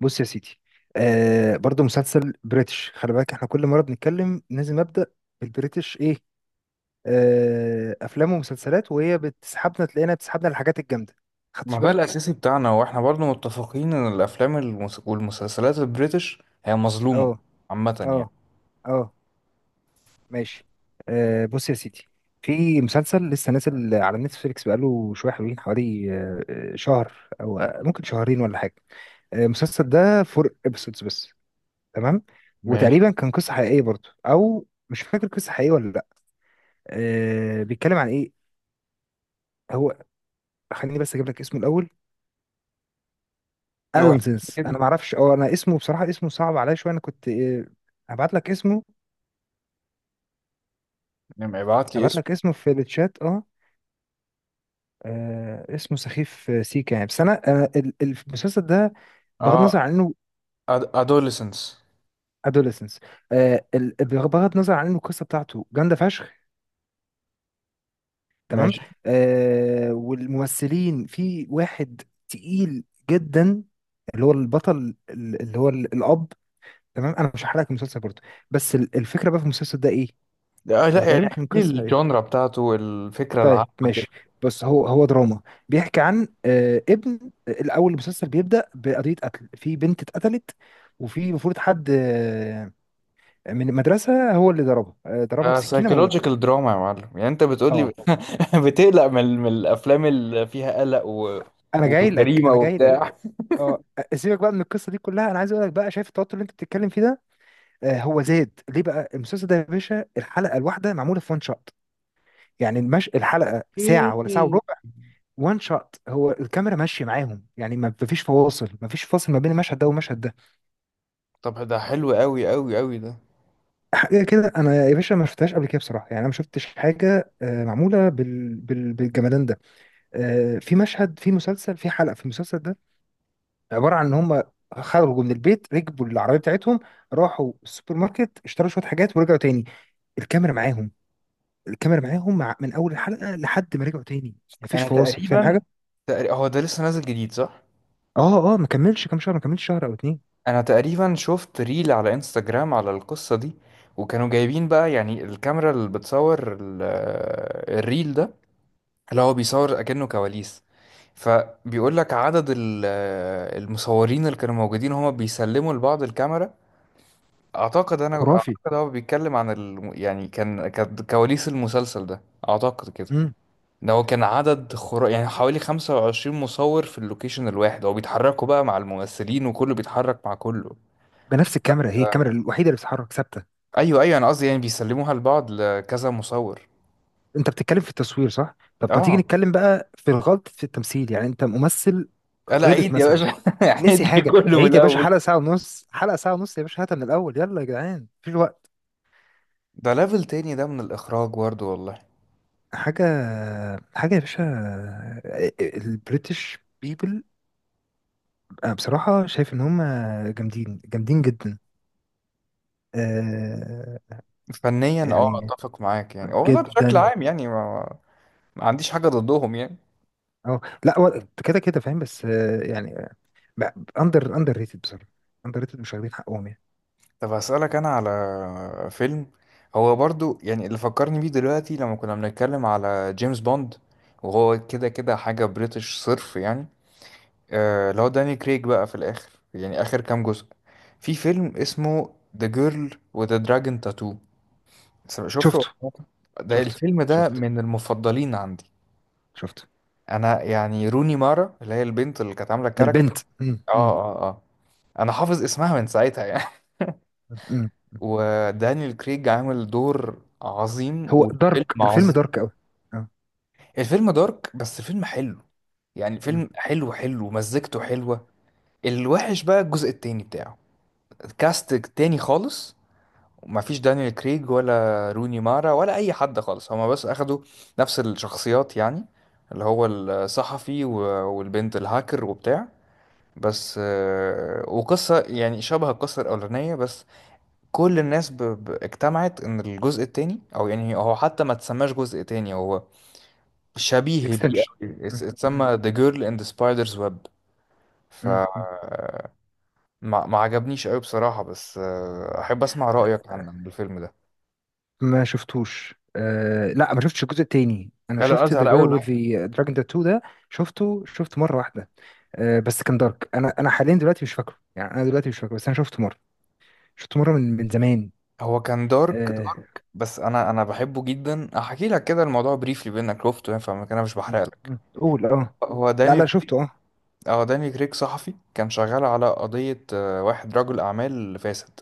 بص يا سيدي. برضو مسلسل بريتش، خلي بالك احنا كل مرة بنتكلم لازم أبدأ بالبريتش ايه. أفلام ومسلسلات، وهي بتسحبنا، تلاقينا بتسحبنا الحاجات الجامدة. خدتش ما ده بالك؟ الأساسي بتاعنا وإحنا برضه متفقين إن الأفلام والمسلسلات البريتش هي مظلومة اه. عامة يعني. اه. اه. ماشي. بص يا سيدي، في مسلسل لسه نازل على نتفليكس بقاله شوية حلوين، حوالي شهر أو ممكن شهرين ولا حاجة. المسلسل ده فور ابيسودز بس. تمام. ماشي. وتقريبا كان قصة حقيقية برضو، أو مش فاكر قصة حقيقية ولا لأ. بيتكلم عن ايه هو، خليني بس اجيب لك اسمه الاول. هو ادونسنس، كده انا ما اعرفش انا اسمه بصراحه، اسمه صعب عليا شويه، انا كنت هبعت لك اسمه لما يبعت لي هبعت اسم. لك اسمه في الشات. اه. اسمه سخيف. سيكا يعني، بس انا المسلسل ده بغض النظر اه، عن انه أدوليسنس. ادوليسنس، بغض النظر عن انه القصه بتاعته جامده فشخ. تمام. ماشي. والممثلين، في واحد تقيل جدا، اللي هو البطل اللي هو الاب. تمام، انا مش هحرقك المسلسل برضه، بس الفكره بقى في المسلسل ده ايه، لا او يعني تقريبا احكي كان لي قصه ايه. الجانرا بتاعته، الفكرة العامة طيب كده. ماشي، بس هو دراما. بيحكي عن ابن. الاول المسلسل بيبدا بقضيه قتل، في بنت اتقتلت، وفي المفروض حد من المدرسه هو اللي ضربها، ضربها آه، بسكينه، موتها. سايكولوجيكال دراما يا معلم، يعني أنت بتقول لي اه. بتقلق من، من الأفلام اللي فيها قلق و... انا جاي لك، وجريمة انا جاي لك. وبتاع. اه. سيبك بقى من القصه دي كلها، انا عايز اقول لك بقى، شايف التوتر اللي انت بتتكلم فيه ده؟ هو زاد ليه بقى المسلسل ده، يا باشا الحلقه الواحده معموله في وان شوت. يعني الحلقه إيه. ساعه ولا ساعه وربع. وان شوت، هو الكاميرا ماشيه معاهم، يعني ما فيش فواصل، ما فيش فاصل ما بين المشهد ده والمشهد ده. طب ده حلو أوي أوي أوي ده. حاجه كده انا يا باشا ما شفتهاش قبل كده بصراحه، يعني انا ما شفتش حاجه معموله بالجمدان ده. في مشهد، في مسلسل، في حلقه في المسلسل ده، عباره عن ان هم خرجوا من البيت، ركبوا العربيه بتاعتهم، راحوا السوبر ماركت، اشتروا شويه حاجات ورجعوا تاني، الكاميرا معاهم. الكاميرا معاهم من اول الحلقه لحد ما رجعوا تاني. ما فيش أنا فواصل، فاهم تقريبا، حاجه؟ تقريبا هو ده لسه نازل جديد صح؟ اه. اه، ما كملش كام شهر، ما كملش شهر او اتنين. انا تقريبا شفت ريل على انستجرام على القصة دي، وكانوا جايبين بقى يعني الكاميرا اللي بتصور الريل ده، اللي هو بيصور اكنه كواليس، فبيقول لك عدد المصورين اللي كانوا موجودين هما بيسلموا لبعض الكاميرا. اعتقد، انا خرافي. اعتقد هو بيتكلم عن يعني كانت كواليس المسلسل ده. اعتقد كده. مم. ده هو كان عدد خرا، يعني حوالي 25 مصور في اللوكيشن الواحد، هو بيتحركوا بقى مع الممثلين وكله بيتحرك مع كله. بنفس الكاميرا، هي الكاميرا الوحيده اللي بتتحرك، ثابته. ايوه ايوه، انا قصدي يعني بيسلموها لبعض لكذا مصور. انت بتتكلم في التصوير، صح؟ طب ما تيجي اه. نتكلم بقى في الغلط في التمثيل، يعني انت ممثل لا غلط عيد يا مثلا، باشا. نسي عيد حاجه. كله من عيد يا باشا، الاول. حلقه ساعه ونص، حلقه ساعه ونص يا باشا، هاتها من الاول، يلا يا جدعان مفيش وقت. ده ليفل تاني ده، من الاخراج برضه والله. حاجه. حاجه يا باشا، البريتش بيبل، انا بصراحه شايف ان هم جامدين، جامدين جدا. آه، فنيا اه، يعني اتفق معاك. يعني هو لا بشكل جدا. عام يعني ما عنديش حاجه ضدهم يعني. اه، لا هو كده كده فاهم، بس يعني اندر ريتد بصراحه. اندر ريتد، مش واخدين حقهم يعني. طب هسألك انا على فيلم، هو برضه يعني اللي فكرني بيه دلوقتي لما كنا بنتكلم على جيمس بوند، وهو كده كده حاجه بريتش صرف يعني. آه لو داني كريج بقى في الآخر، يعني آخر كام جزء، في فيلم اسمه The Girl with the Dragon Tattoo. شفته. شفته. ده شفته. الفيلم ده شفته. من المفضلين عندي. شفته. أنا يعني روني مارا اللي هي البنت اللي كانت عاملة الكاركتر، البنت. مم. آه مم. آه آه، أنا حافظ اسمها من ساعتها يعني. مم. ودانيال كريج عامل دور عظيم، هو دارك، والفيلم الفيلم عظيم. دارك قوي. اه. الفيلم دارك، بس فيلم حلو. يعني فيلم حلو حلو، مزجته حلوة. الوحش بقى الجزء التاني بتاعه، كاست تاني خالص، ما فيش دانيال كريج ولا روني مارا ولا اي حد خالص، هما بس اخدوا نفس الشخصيات يعني، اللي هو الصحفي والبنت الهاكر وبتاع. بس وقصة يعني شبه القصة الأولانية، بس كل الناس اجتمعت إن الجزء التاني، أو يعني هو حتى ما تسماش جزء تاني، هو شبيه بيه اكستنشن. أوي، اتسمى The Girl in the Spider's Web. فما ما عجبنيش أوي بصراحة، بس أحب أسمع رأيك عن الفيلم ده. ما شفتوش. لا، ما شفتش الجزء التاني، انا لا لا، شفت قصدي ذا على جيرل أول. وذ ذا دراجون تاتو ده. شفته، شفت مره واحده. بس كان دارك، انا حاليا دلوقتي مش فاكره، يعني انا دلوقتي مش فاكره، بس انا شفته مره، شفته مره من زمان. هو كان دارك آه. دارك، بس انا بحبه جدا. هحكي لك كده الموضوع بريفلي، بينك شفته يعني، فما كان انا مش بحرق مم. لك. مم. قول اه. هو لا، داني، لا، شفته. اه. اه داني كريك صحفي كان شغال على قضية واحد رجل اعمال فاسد،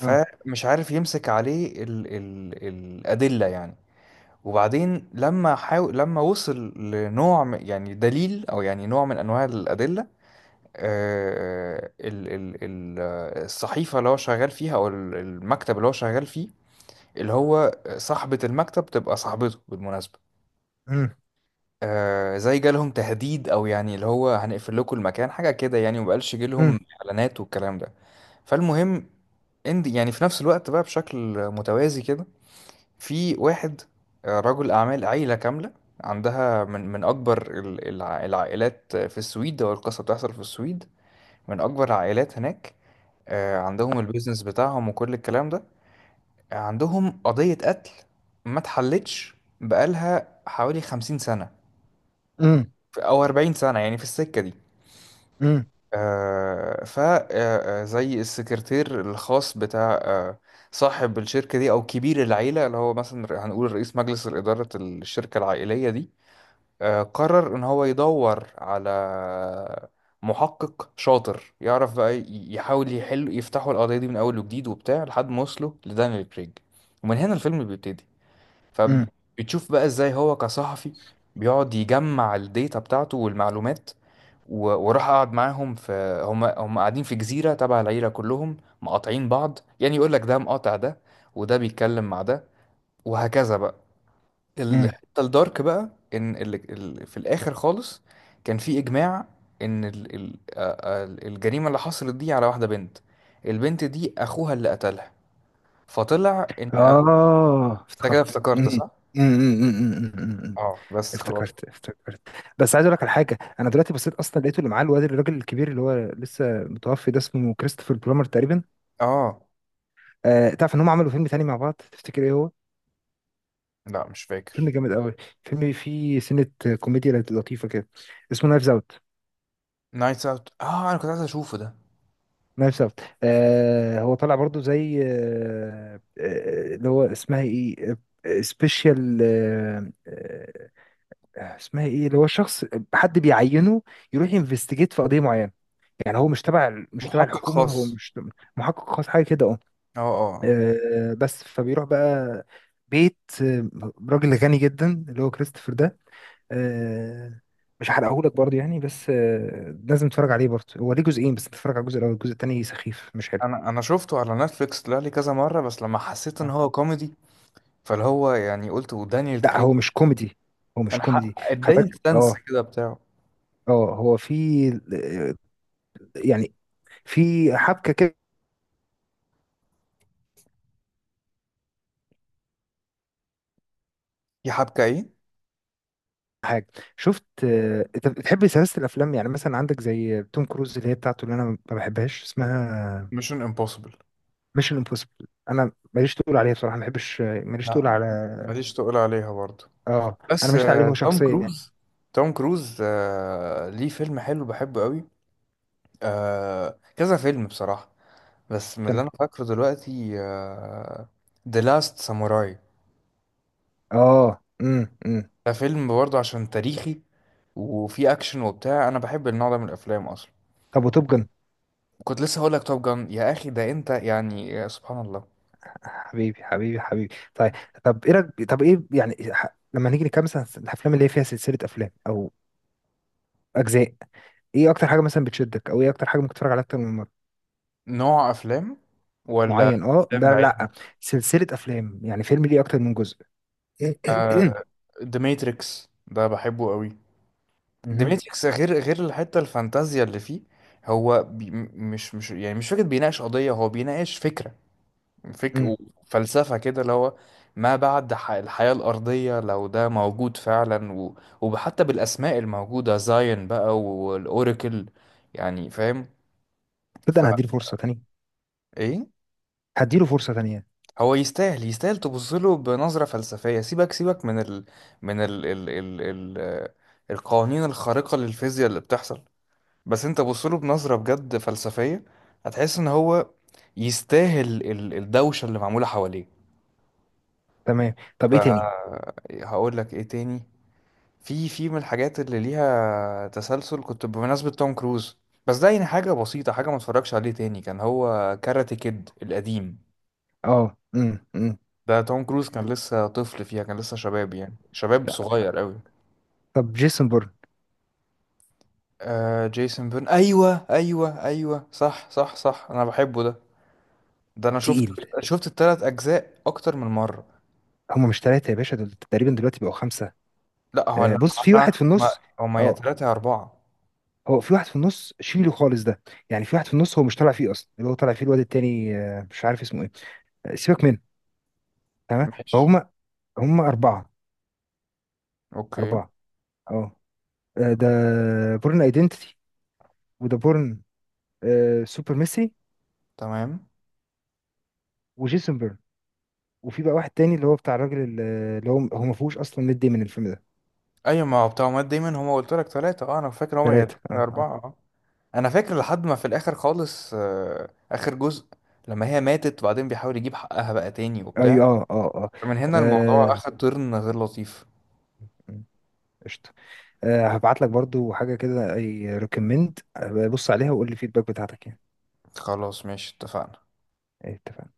اه. عارف يمسك عليه ال ال الأدلة يعني. وبعدين لما حاول، لما وصل لنوع يعني دليل او يعني نوع من انواع الأدلة، الصحيفة اللي هو شغال فيها او المكتب اللي هو شغال فيه، اللي هو صاحبة المكتب تبقى صاحبته بالمناسبة، مم. آه زي جالهم تهديد، او يعني اللي هو هنقفل لكم المكان حاجة كده يعني، ومبقالش مم. جالهم اعلانات والكلام ده. فالمهم، اند يعني في نفس الوقت بقى بشكل متوازي كده، في واحد رجل اعمال، عيلة كاملة عندها من اكبر العائلات في السويد، او القصة بتحصل في السويد، من اكبر العائلات هناك. عندهم البيزنس بتاعهم وكل الكلام ده. عندهم قضية قتل ما اتحلتش، بقالها حوالي 50 سنة مم. أو 40 سنة يعني في السكة دي. مم. آه ف آه، آه، زي السكرتير الخاص بتاع صاحب الشركة دي، أو كبير العيلة، اللي هو مثلا هنقول رئيس مجلس الإدارة الشركة العائلية دي، آه قرر إن هو يدور على محقق شاطر، يعرف بقى يحاول يحل، يفتحوا القضية دي من أول وجديد وبتاع، لحد ما وصلوا لدانيال كريج. ومن هنا الفيلم بيبتدي. مم. فبتشوف بقى ازاي هو كصحفي بيقعد يجمع الداتا بتاعته والمعلومات، وراح قعد معاهم، في هم قاعدين في جزيرة تبع العيلة كلهم، مقاطعين بعض يعني، يقول لك ده مقاطع ده، وده بيتكلم مع ده، وهكذا بقى. مم. الحتة الدارك بقى ان في الاخر خالص كان في اجماع ان ال... ال... آه، آه، الجريمة اللي حصلت دي على واحدة بنت، البنت دي اخوها اللي قتلها. فطلع ان أبو... اه، انت كده افتكرت. افتكرت مم. صح؟ مم. مم. مم. مم. مم. مم. اه بس خلاص. افتكرت، افتكرت، بس عايز اقول لك على حاجه. انا دلوقتي بصيت اصلا، لقيته اللي معاه الواد الراجل الكبير اللي هو لسه متوفي ده، اسمه كريستوفر بلومر تقريبا. اه تعرف ان هم عملوا فيلم تاني مع بعض، تفتكر ايه هو؟ لا مش فيلم فاكر. جامد قوي، فيلم فيه سنه، كوميديا لطيفه كده، اسمه نايفز اوت. نايتس اوت، اه انا كنت عايز اشوفه ده. نايف سافت. هو طلع برضو زي اللي هو اسمها ايه، سبيشال. اسمها ايه اللي هو شخص، حد بيعينه يروح ينفستيجيت في قضيه معينه، يعني هو مش تبع مش تبع محقق الحكومه، هو خاص، مش محقق خاص، حاجه كده اه. اه اه آه. بس فبيروح بقى بيت راجل غني جدا اللي هو كريستوفر ده. آه، مش هحرقهولك برضه يعني، بس لازم تتفرج عليه برضه. هو ليه جزئين، بس تتفرج على الجزء الاول، الجزء التاني سخيف مش حلو. انا، انا شفته على نتفليكس طلع لي كذا مره، بس لما حسيت ان هو كوميدي، فاللي هو يعني قلت ودانيال لا، كريج هو مش كوميدي، هو مش انا حق كوميدي. خلي اداني بالك. السنس اه. كده بتاعه. اه، هو في آه، يعني في حبكه كده يا حبكه ايه. حاجه. شفت انت بتحب سلاسل الافلام، يعني مثلا عندك زي توم كروز اللي هي بتاعته اللي انا ما بحبهاش، اسمها ميشن امبوسيبل. ميشن امبوسيبل. انا ماليش تقول عليها بصراحه، ما بحبش، ماليش لا، تقول على. ماليش تقول عليها برضه، اه. انا بس ماليش تقول عليه هو توم شخصيا يعني. كروز، توم كروز ليه فيلم حلو بحبه قوي، كذا فيلم بصراحه، بس من اللي كان- انا فاكره دلوقتي The Last Samurai. اه. ده فيلم برضه عشان تاريخي، وفيه اكشن وبتاع، انا بحب النوع ده من الافلام اصلا. طب وتوب جن. كنت لسه هقول لك توب جان يا اخي، ده انت يعني يا سبحان الله. حبيبي، حبيبي، حبيبي، طيب. طب ايه طب ايه يعني لما نيجي نكمل مثلا، الافلام اللي هي فيها سلسله افلام او اجزاء، ايه اكتر حاجه مثلا بتشدك، او ايه اكتر حاجه ممكن تتفرج عليها اكتر من مره؟ نوع افلام ولا معين، اه، افلام لا، بعينها. لا، سلسله افلام يعني فيلم ليه اكتر من جزء. آه The Matrix ده بحبه قوي. The مهم. Matrix غير الحتة الفانتازيا اللي فيه، هو بي مش يعني مش فكرة بيناقش قضية، هو بيناقش فكرة فك مم. وفلسفة كده، اللي هو ما بعد الحياة الأرضية لو ده موجود فعلا، و... وحتى بالأسماء الموجودة زاين بقى والأوراكل، يعني فاهم. تبدا فا انا هديله فرصه تانية، إيه. هديله فرصه تانية. هو يستاهل، يستاهل تبص له بنظرة فلسفية. سيبك، سيبك من ال... من ال... ال... ال... ال... آه، القوانين الخارقة للفيزياء اللي بتحصل، بس أنت بص له بنظرة بجد فلسفية، هتحس إن هو يستاهل الدوشة اللي معمولة حواليه. تمام، طب ايه تاني؟ فهقول لك إيه تاني. في من الحاجات اللي ليها تسلسل، كنت بمناسبة توم كروز، بس ده يعني حاجة بسيطة، حاجة ما اتفرجش عليه تاني، كان هو كاراتي كيد القديم. اه. ده توم كروز كان لسه طفل فيها، كان لسه شباب يعني شباب لا، صغير قوي. طب جيسون بورن. آه جيسون بيرن، ايوه ايوه ايوه صح صح صح، انا بحبه ده، ده انا شفت، تقيل. شفت التلات اجزاء اكتر من مرة. هم مش ثلاثه يا باشا، دول تقريبا دلوقتي بقوا خمسه. لا هو لا، بص، في لا، واحد في هما، النص. هما يا اه، تلاتة يا اربعة. هو في واحد في النص شيله خالص ده، يعني في واحد في النص هو مش طالع فيه اصلا، اللي هو طالع فيه الواد التاني. مش عارف اسمه ايه. سيبك منه. تمام ماشي. فهم. هم أربعة. اوكي. أربعة. اه. ده بورن ايدنتيتي، وده بورن سوبر ميسي، تمام. وجيسون بيرن، وفي بقى واحد تاني اللي هو بتاع الراجل اللي هو ما فيهوش اصلا ميد داي من الفيلم ده. ايوه، ما هو بتوع مات دايما، هما قلت لك ثلاثة اه، انا فاكر هما يا تلاتة ثلاثة. يا اه. اه. اربعة اه. انا فاكر لحد ما في الاخر خالص، آه اخر جزء، لما هي ماتت وبعدين بيحاول يجيب حقها بقى تاني وبتاع، ايوه. اه. اه. من اه. هنا الموضوع آه، اخد ترن غير لطيف. قشطة. هبعت لك برضو حاجة كده، اي ريكومند، بص عليها وقول لي الفيدباك بتاعتك يعني. خلاص ماشي اتفقنا. إيه، اتفقنا.